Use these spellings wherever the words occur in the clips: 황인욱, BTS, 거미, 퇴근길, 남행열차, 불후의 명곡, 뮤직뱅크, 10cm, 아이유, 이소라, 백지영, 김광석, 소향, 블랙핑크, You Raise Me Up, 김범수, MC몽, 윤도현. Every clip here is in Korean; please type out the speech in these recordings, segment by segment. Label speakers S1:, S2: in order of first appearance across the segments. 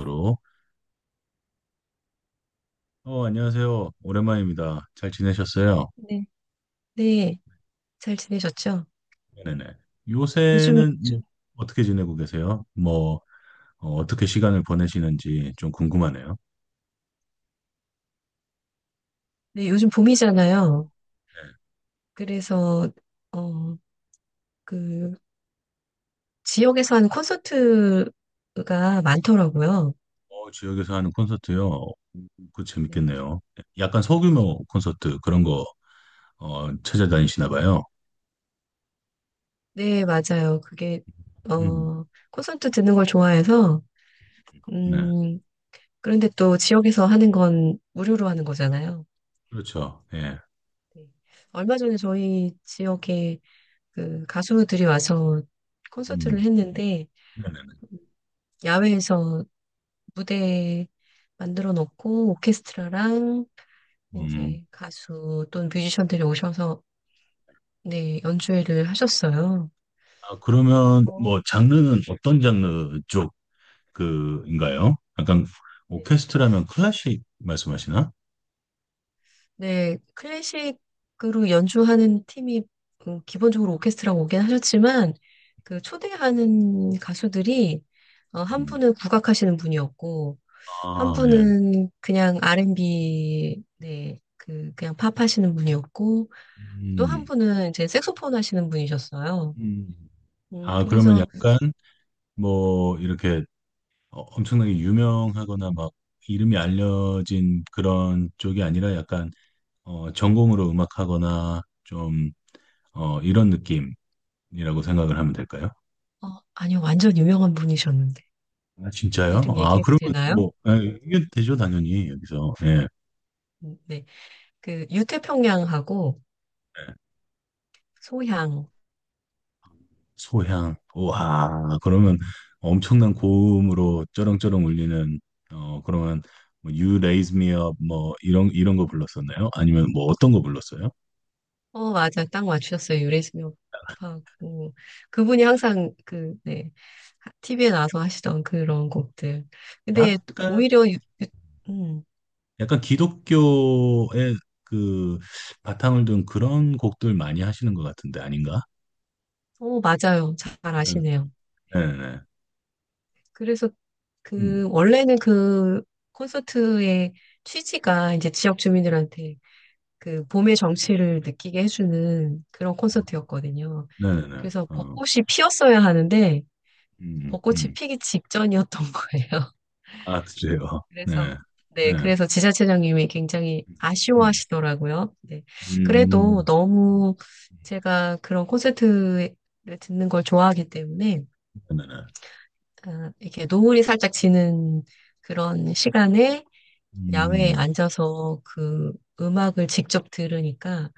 S1: 으로. 안녕하세요. 오랜만입니다. 잘 지내셨어요?
S2: 네, 네, 잘 지내셨죠?
S1: 네네.
S2: 요즘,
S1: 요새는 뭐 어떻게 지내고 계세요? 뭐 떻게 시간을 보내시는지 좀 궁금하네요.
S2: 네, 요즘 봄이잖아요.
S1: 네.
S2: 그래서, 어, 그, 지역에서 하는 콘서트가 많더라고요.
S1: 지역에서 하는 콘서트요. 그
S2: 네,
S1: 재밌겠네요. 네. 약간 소규모 콘서트 그런 거 찾아다니시나 봐요.
S2: 네, 맞아요. 그게,
S1: 음,
S2: 어, 콘서트 듣는 걸 좋아해서,
S1: 네.
S2: 음, 그런데 또 지역에서 하는 건 무료로 하는 거잖아요.
S1: 그렇죠. 예.
S2: 네. 얼마 전에 저희 지역에 그 가수들이 와서 콘서트를
S1: 음,
S2: 했는데,
S1: 네네.
S2: 야외에서 무대 만들어 놓고 오케스트라랑
S1: 음.
S2: 이제 가수 또는 뮤지션들이 오셔서 네, 연주회를 하셨어요.
S1: 아, 그러면
S2: 어,
S1: 뭐 장르는 어떤 장르 쪽 그인가요? 약간
S2: 네,
S1: 오케스트라면
S2: 음.
S1: 클래식 말씀하시나?
S2: 네, 클래식으로 연주하는 팀이 기본적으로 오케스트라가 오긴 하셨지만 그 초대하는 가수들이 한
S1: 음.
S2: 분은 국악하시는 분이었고 한
S1: 아, 예.
S2: 분은 그냥 R&B 네, 그 그냥 팝 하시는 분이었고 또 한
S1: 음.
S2: 분은 이제 색소폰 하시는 분이셨어요.
S1: 음. 아, 그러면
S2: 그래서,
S1: 약간 뭐 이렇게 엄청나게 유명하거나 막 이름이 알려진 그런 쪽이 아니라 약간 전공으로 음악하거나 좀 이런 느낌이라고 생각을 하면 될까요?
S2: 어, 아니요, 완전 유명한 분이셨는데.
S1: 아, 진짜요?
S2: 이름
S1: 아,
S2: 얘기해도
S1: 그러면
S2: 되나요?
S1: 뭐 예, 이게 되죠, 당연히 여기서. 예.
S2: 네. 그, 유태평양하고 소향.
S1: 소향. 와, 그러면 엄청난 고음으로 쩌렁쩌렁 울리는 어 그러면 뭐 You Raise Me Up 뭐 이런 거 불렀었나요? 아니면 뭐 어떤 거 불렀어요?
S2: 어, 맞아. 딱 맞추셨어요. 유래수명하고. 그분이 항상 그, 네. TV에 나와서 하시던 그런 곡들. 근데 또
S1: 약간
S2: 오히려, 음,
S1: 약간 기독교의 그 바탕을 둔 그런 곡들 많이 하시는 것 같은데 아닌가?
S2: 맞아요. 잘
S1: 이런-
S2: 아시네요.
S1: 네네네.
S2: 그래서 그,
S1: 음.
S2: 원래는 그 콘서트의 취지가 이제 지역 주민들한테 그 봄의 정취를 느끼게 해주는 그런 콘서트였거든요.
S1: 네네네.
S2: 그래서
S1: 어.
S2: 벚꽃이 피었어야 하는데
S1: 음.
S2: 벚꽃이
S1: 음.
S2: 피기 직전이었던 거예요.
S1: 아, 그래요.
S2: 그래서
S1: 네.
S2: 네,
S1: 네.
S2: 그래서 지자체장님이 굉장히
S1: 음. 음.
S2: 아쉬워하시더라고요. 네. 그래도
S1: 음.
S2: 너무 제가 그런 콘서트를 듣는 걸 좋아하기 때문에
S1: 네네네.
S2: 아, 이렇게 노을이 살짝 지는 그런 시간에 야외에
S1: 음.
S2: 앉아서 그 음악을 직접 들으니까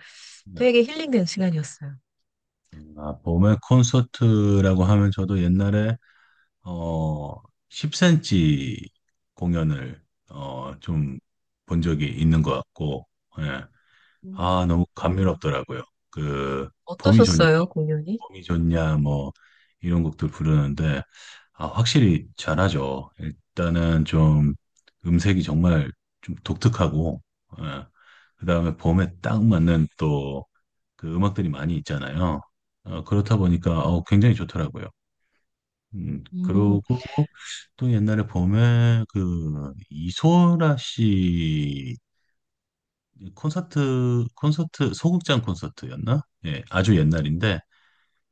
S1: 네.
S2: 되게 힐링된 시간이었어요.
S1: 아, 봄의 콘서트라고 하면 저도 옛날에 어 10cm 공연을 좀 본 적이 있는 것 같고, 예. 아
S2: 음,
S1: 너무 감미롭더라고요. 그 봄이 좋냐,
S2: 어떠셨어요, 공연이?
S1: 봄이 좋냐 뭐 이런 곡들 부르는데 아 확실히 잘하죠. 일단은 좀 음색이 정말 좀 독특하고, 예. 그다음에 봄에 딱 맞는 또 그 음악들이 많이 있잖아요. 그렇다 보니까 굉장히 좋더라고요.
S2: 음.
S1: 그러고 또 옛날에 봄에 그 이소라 씨 콘서트 소극장 콘서트였나? 예, 아주 옛날인데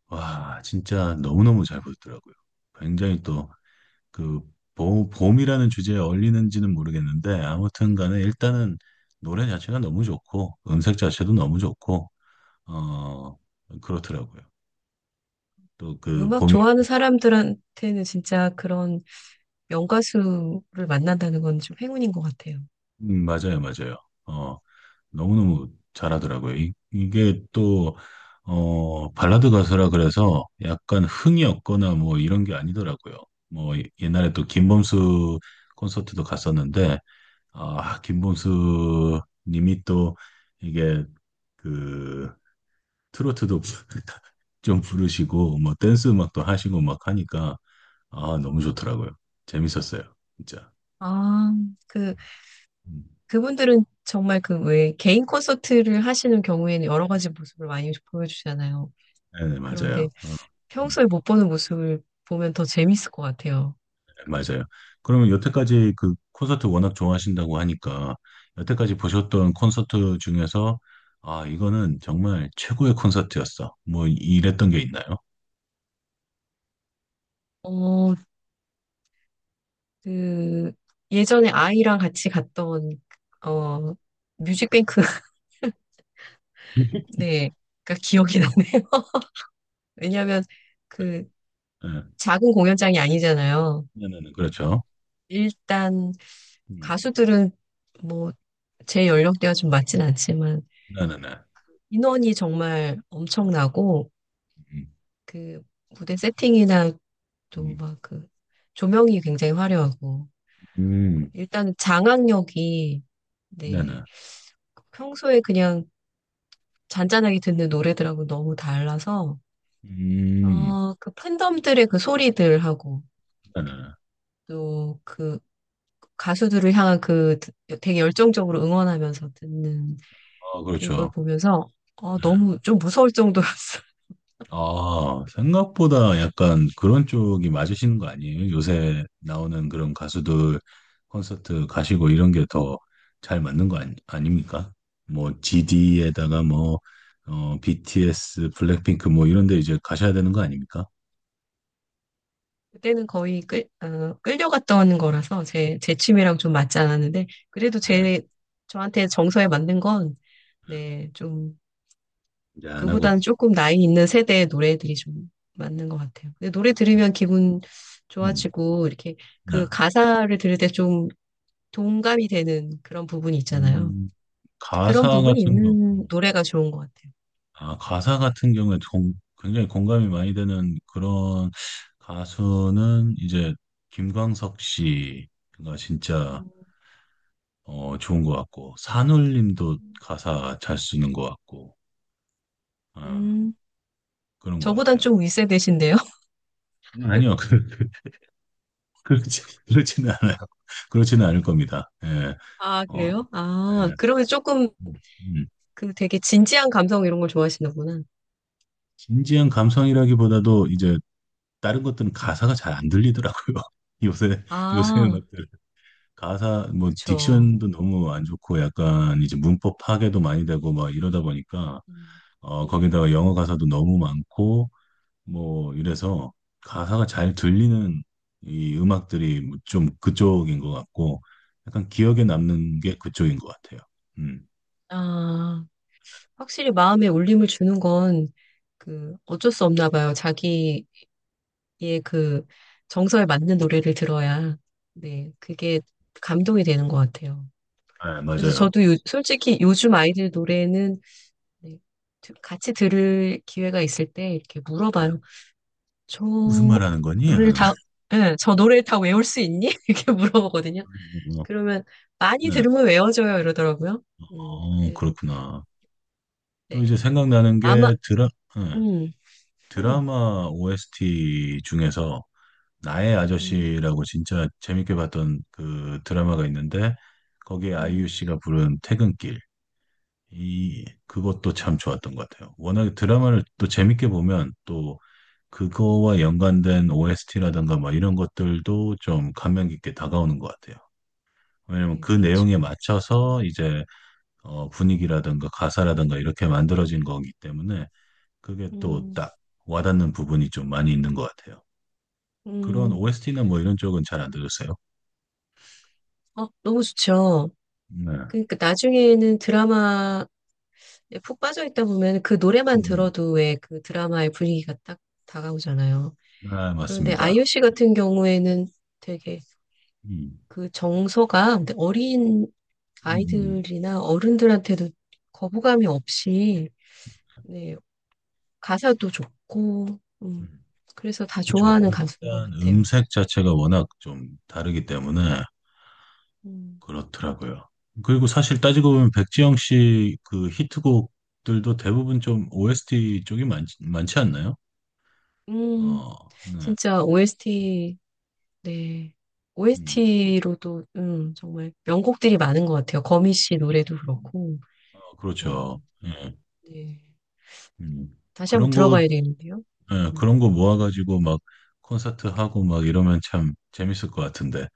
S1: 와 진짜 너무너무 잘 보였더라고요. 굉장히 또그 봄이라는 주제에 어울리는지는 모르겠는데 아무튼 간에 일단은 노래 자체가 너무 좋고 음색 자체도 너무 좋고 어 그렇더라고요. 또
S2: 그
S1: 그
S2: 음악
S1: 봄이
S2: 좋아하는 사람들한테는 진짜 그런 명가수를 만난다는 건 좀 행운인 것 같아요.
S1: 맞아요, 맞아요. 어, 너무너무 잘하더라고요. 이게 또 발라드 가수라 그래서 약간 흥이 없거나 뭐 이런 게 아니더라고요. 뭐 옛날에 또 김범수 콘서트도 갔었는데 아, 김범수 님이 또 이게 그 트로트도 좀 부르시고 뭐 댄스 음악도 하시고 막 하니까 아, 너무 좋더라고요. 재밌었어요. 진짜.
S2: 아, 그,
S1: 음.
S2: 그분들은 정말 그 왜 개인 콘서트를 하시는 경우에는 여러 가지 모습을 많이 보여주잖아요.
S1: 네네, 맞아요.
S2: 그런데
S1: 네,
S2: 평소에 못 보는 모습을 보면 더 재밌을 것 같아요.
S1: 맞아요. 그러면 여태까지 그 콘서트 워낙 좋아하신다고 하니까, 여태까지 보셨던 콘서트 중에서, 아, 이거는 정말 최고의 콘서트였어. 뭐, 이랬던 게 있나요?
S2: 어, 그 예전에 아이랑 같이 갔던 어 뮤직뱅크 네가 기억이 나네요. 왜냐하면 그
S1: 네,
S2: 작은 공연장이 아니잖아요.
S1: 네네네, 그렇죠.
S2: 일단
S1: 음,
S2: 가수들은 뭐 제 연령대가 좀 맞진 않지만
S1: 네네네.
S2: 인원이 정말 엄청나고
S1: 음,
S2: 그 무대 세팅이나 또
S1: 음,
S2: 막 그 조명이 굉장히 화려하고
S1: 음,
S2: 일단 장악력이 네
S1: 네네.
S2: 평소에 그냥 잔잔하게 듣는 노래들하고 너무 달라서,
S1: 음,
S2: 그 팬덤들의 그 소리들하고,
S1: 네네네.
S2: 또 그 가수들을 향한 그 되게 열정적으로 응원하면서 듣는
S1: 아,
S2: 그걸
S1: 그렇죠.
S2: 보면서,
S1: 네.
S2: 너무 좀 무서울 정도였어.
S1: 아, 생각보다 약간 그런 쪽이 맞으시는 거 아니에요? 요새 나오는 그런 가수들 콘서트 가시고 이런 게 더 잘 맞는 거 아니, 아닙니까? 뭐 GD에다가 뭐 BTS, 블랙핑크 뭐 이런 데 이제 가셔야 되는 거 아닙니까?
S2: 그때는 거의 끌려갔던 거라서 제 취미랑 좀 맞지 않았는데, 그래도
S1: 네,
S2: 저한테 정서에 맞는 건, 네, 좀
S1: 이제 안
S2: 그보다는
S1: 하고.
S2: 조금 나이 있는 세대의 노래들이 좀 맞는 것 같아요. 근데 노래
S1: 음,
S2: 들으면 기분
S1: 음.
S2: 좋아지고, 이렇게
S1: 네.
S2: 그 가사를 들을 때 좀 동감이 되는 그런 부분이 있잖아요.
S1: 음,
S2: 그런
S1: 가사
S2: 부분이
S1: 같은 경우
S2: 있는 노래가 좋은 것 같아요.
S1: 아, 가사 같은 경우에 굉장히 공감이 많이 되는 그런 가수는 이제 김광석 씨가 진짜
S2: 음.
S1: 좋은 것 같고 산울림도 가사 잘 쓰는 것 같고 어,
S2: 음,
S1: 그런 것
S2: 저보단
S1: 같아요.
S2: 좀 윗세대신데요?
S1: 아니요, 그렇지는 않아요. 그렇지는 않을 겁니다. 예,
S2: 아,
S1: 어,
S2: 그래요?
S1: 예.
S2: 아, 그러면 조금
S1: 음, 음.
S2: 그 되게 진지한 감성 이런 걸 좋아하시는구나.
S1: 진지한 감성이라기보다도 이제 다른 것들은 가사가 잘 안 들리더라고요. 요새 요새
S2: 아,
S1: 음악들. 가사 뭐
S2: 그쵸.
S1: 딕션도 너무 안 좋고 약간 이제 문법 파괴도 많이 되고 막 이러다 보니까
S2: 음, 음,
S1: 거기다가 영어 가사도 너무 많고 뭐 이래서 가사가 잘 들리는 이 음악들이 뭐좀 그쪽인 것 같고 약간 기억에
S2: 음.
S1: 남는 게 그쪽인 것 같아요. 음,
S2: 아. 확실히 마음에 울림을 주는 건 그 어쩔 수 없나 봐요. 자기의 그 정서에 맞는 노래를 들어야 네, 그게 감동이 되는 것 같아요.
S1: 네,
S2: 그래서
S1: 맞아요.
S2: 저도 솔직히 요즘 아이들 노래는 네, 같이 들을 기회가 있을 때 이렇게
S1: 네.
S2: 물어봐요. 저
S1: 무슨 말 하는 거니?
S2: 노래를
S1: 하는
S2: 다, 예, 저 노래를 다 외울 수 있니? 이렇게 물어보거든요.
S1: 어,
S2: 그러면 많이
S1: 네,
S2: 들으면 외워져요 이러더라고요. 그래서
S1: 그렇구나. 또
S2: 네,
S1: 이제 생각나는
S2: 아마
S1: 게 드라 네,
S2: 음, 음,
S1: 드라마 OST 중에서 나의
S2: 음,
S1: 아저씨라고 진짜 재밌게 봤던 그 드라마가 있는데 거기에 아이유
S2: 음.
S1: 씨가 부른 퇴근길 이 그것도
S2: 음,
S1: 참 좋았던 것 같아요. 워낙에 드라마를 또 재밌게 보면 또 그거와 연관된 OST라든가 막 이런 것들도 좀 감명 깊게 다가오는 것 같아요. 왜냐면
S2: 네,
S1: 그
S2: 그렇죠.
S1: 내용에 맞춰서 이제 분위기라든가 가사라든가 이렇게 만들어진 거기 때문에 그게 또
S2: 음,
S1: 딱 와닿는 부분이 좀 많이 있는 것 같아요. 그런
S2: 음,
S1: OST나 뭐 이런 쪽은 잘 안 들으세요?
S2: 너무 좋죠.
S1: 네.
S2: 그러니까 나중에는 드라마에 푹 빠져 있다 보면 그 노래만
S1: 음,
S2: 들어도 왜 그 드라마의 분위기가 딱 다가오잖아요.
S1: 아,
S2: 그런데
S1: 맞습니다.
S2: 아이유 씨 같은 경우에는 되게
S1: 음,
S2: 그 정서가 근데 어린
S1: 음, 음,
S2: 아이들이나 어른들한테도 거부감이 없이 네, 가사도 좋고
S1: 음.
S2: 그래서 다
S1: 그렇죠.
S2: 좋아하는 가수인 것
S1: 일단
S2: 같아요.
S1: 음색 자체가 워낙 좀 다르기 때문에
S2: 음,
S1: 그렇더라고요. 그리고 사실 따지고 보면 백지영 씨 그 히트곡들도 대부분 좀 OST 쪽이 많지 않나요?
S2: 음,
S1: 어, 네.
S2: 진짜 OST 네.
S1: 음,
S2: OST로도 정말 명곡들이 많은 것 같아요. 거미 씨 노래도 그렇고.
S1: 그렇죠.
S2: 어,
S1: 예,
S2: 네.
S1: 음.
S2: 다시 한번
S1: 그런 거,
S2: 들어봐야 되는데요.
S1: 예,
S2: 음.
S1: 그런 거 모아가지고 막 콘서트 하고 막 이러면 참 재밌을 것 같은데.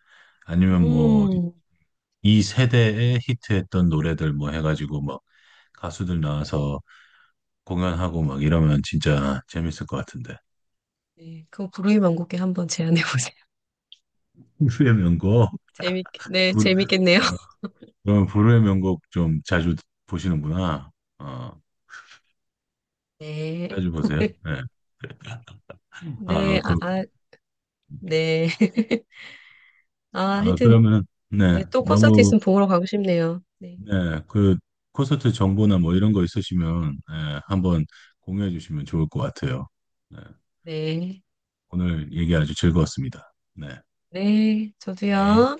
S1: 아니면 뭐
S2: 음,
S1: 이 세대에 히트했던 노래들 뭐 해가지고 막 가수들 나와서 공연하고 막 이러면 진짜 재밌을 것 같은데.
S2: 네. 그거 부르이 만곡에 한번 제안해 보세요.
S1: 불후의 명곡?
S2: 네,
S1: 불,
S2: 재밌겠네요.
S1: 아, 그럼 불후의 명곡 좀 자주 보시는구나. 어,
S2: 네.
S1: 자주 보세요. 네. 아,
S2: 네, 아,
S1: 그렇군.
S2: 아, 네. 아,
S1: 아,
S2: 하여튼,
S1: 그러면, 네.
S2: 네, 또 콘서트
S1: 너무,
S2: 있으면 보러 가고 싶네요. 네.
S1: 네. 그 콘서트 정보나 뭐 이런 거 있으시면, 네, 한번 공유해 주시면 좋을 것 같아요. 네.
S2: 네.
S1: 오늘 얘기 아주 즐거웠습니다. 네.
S2: 네,
S1: 네.
S2: 저도요.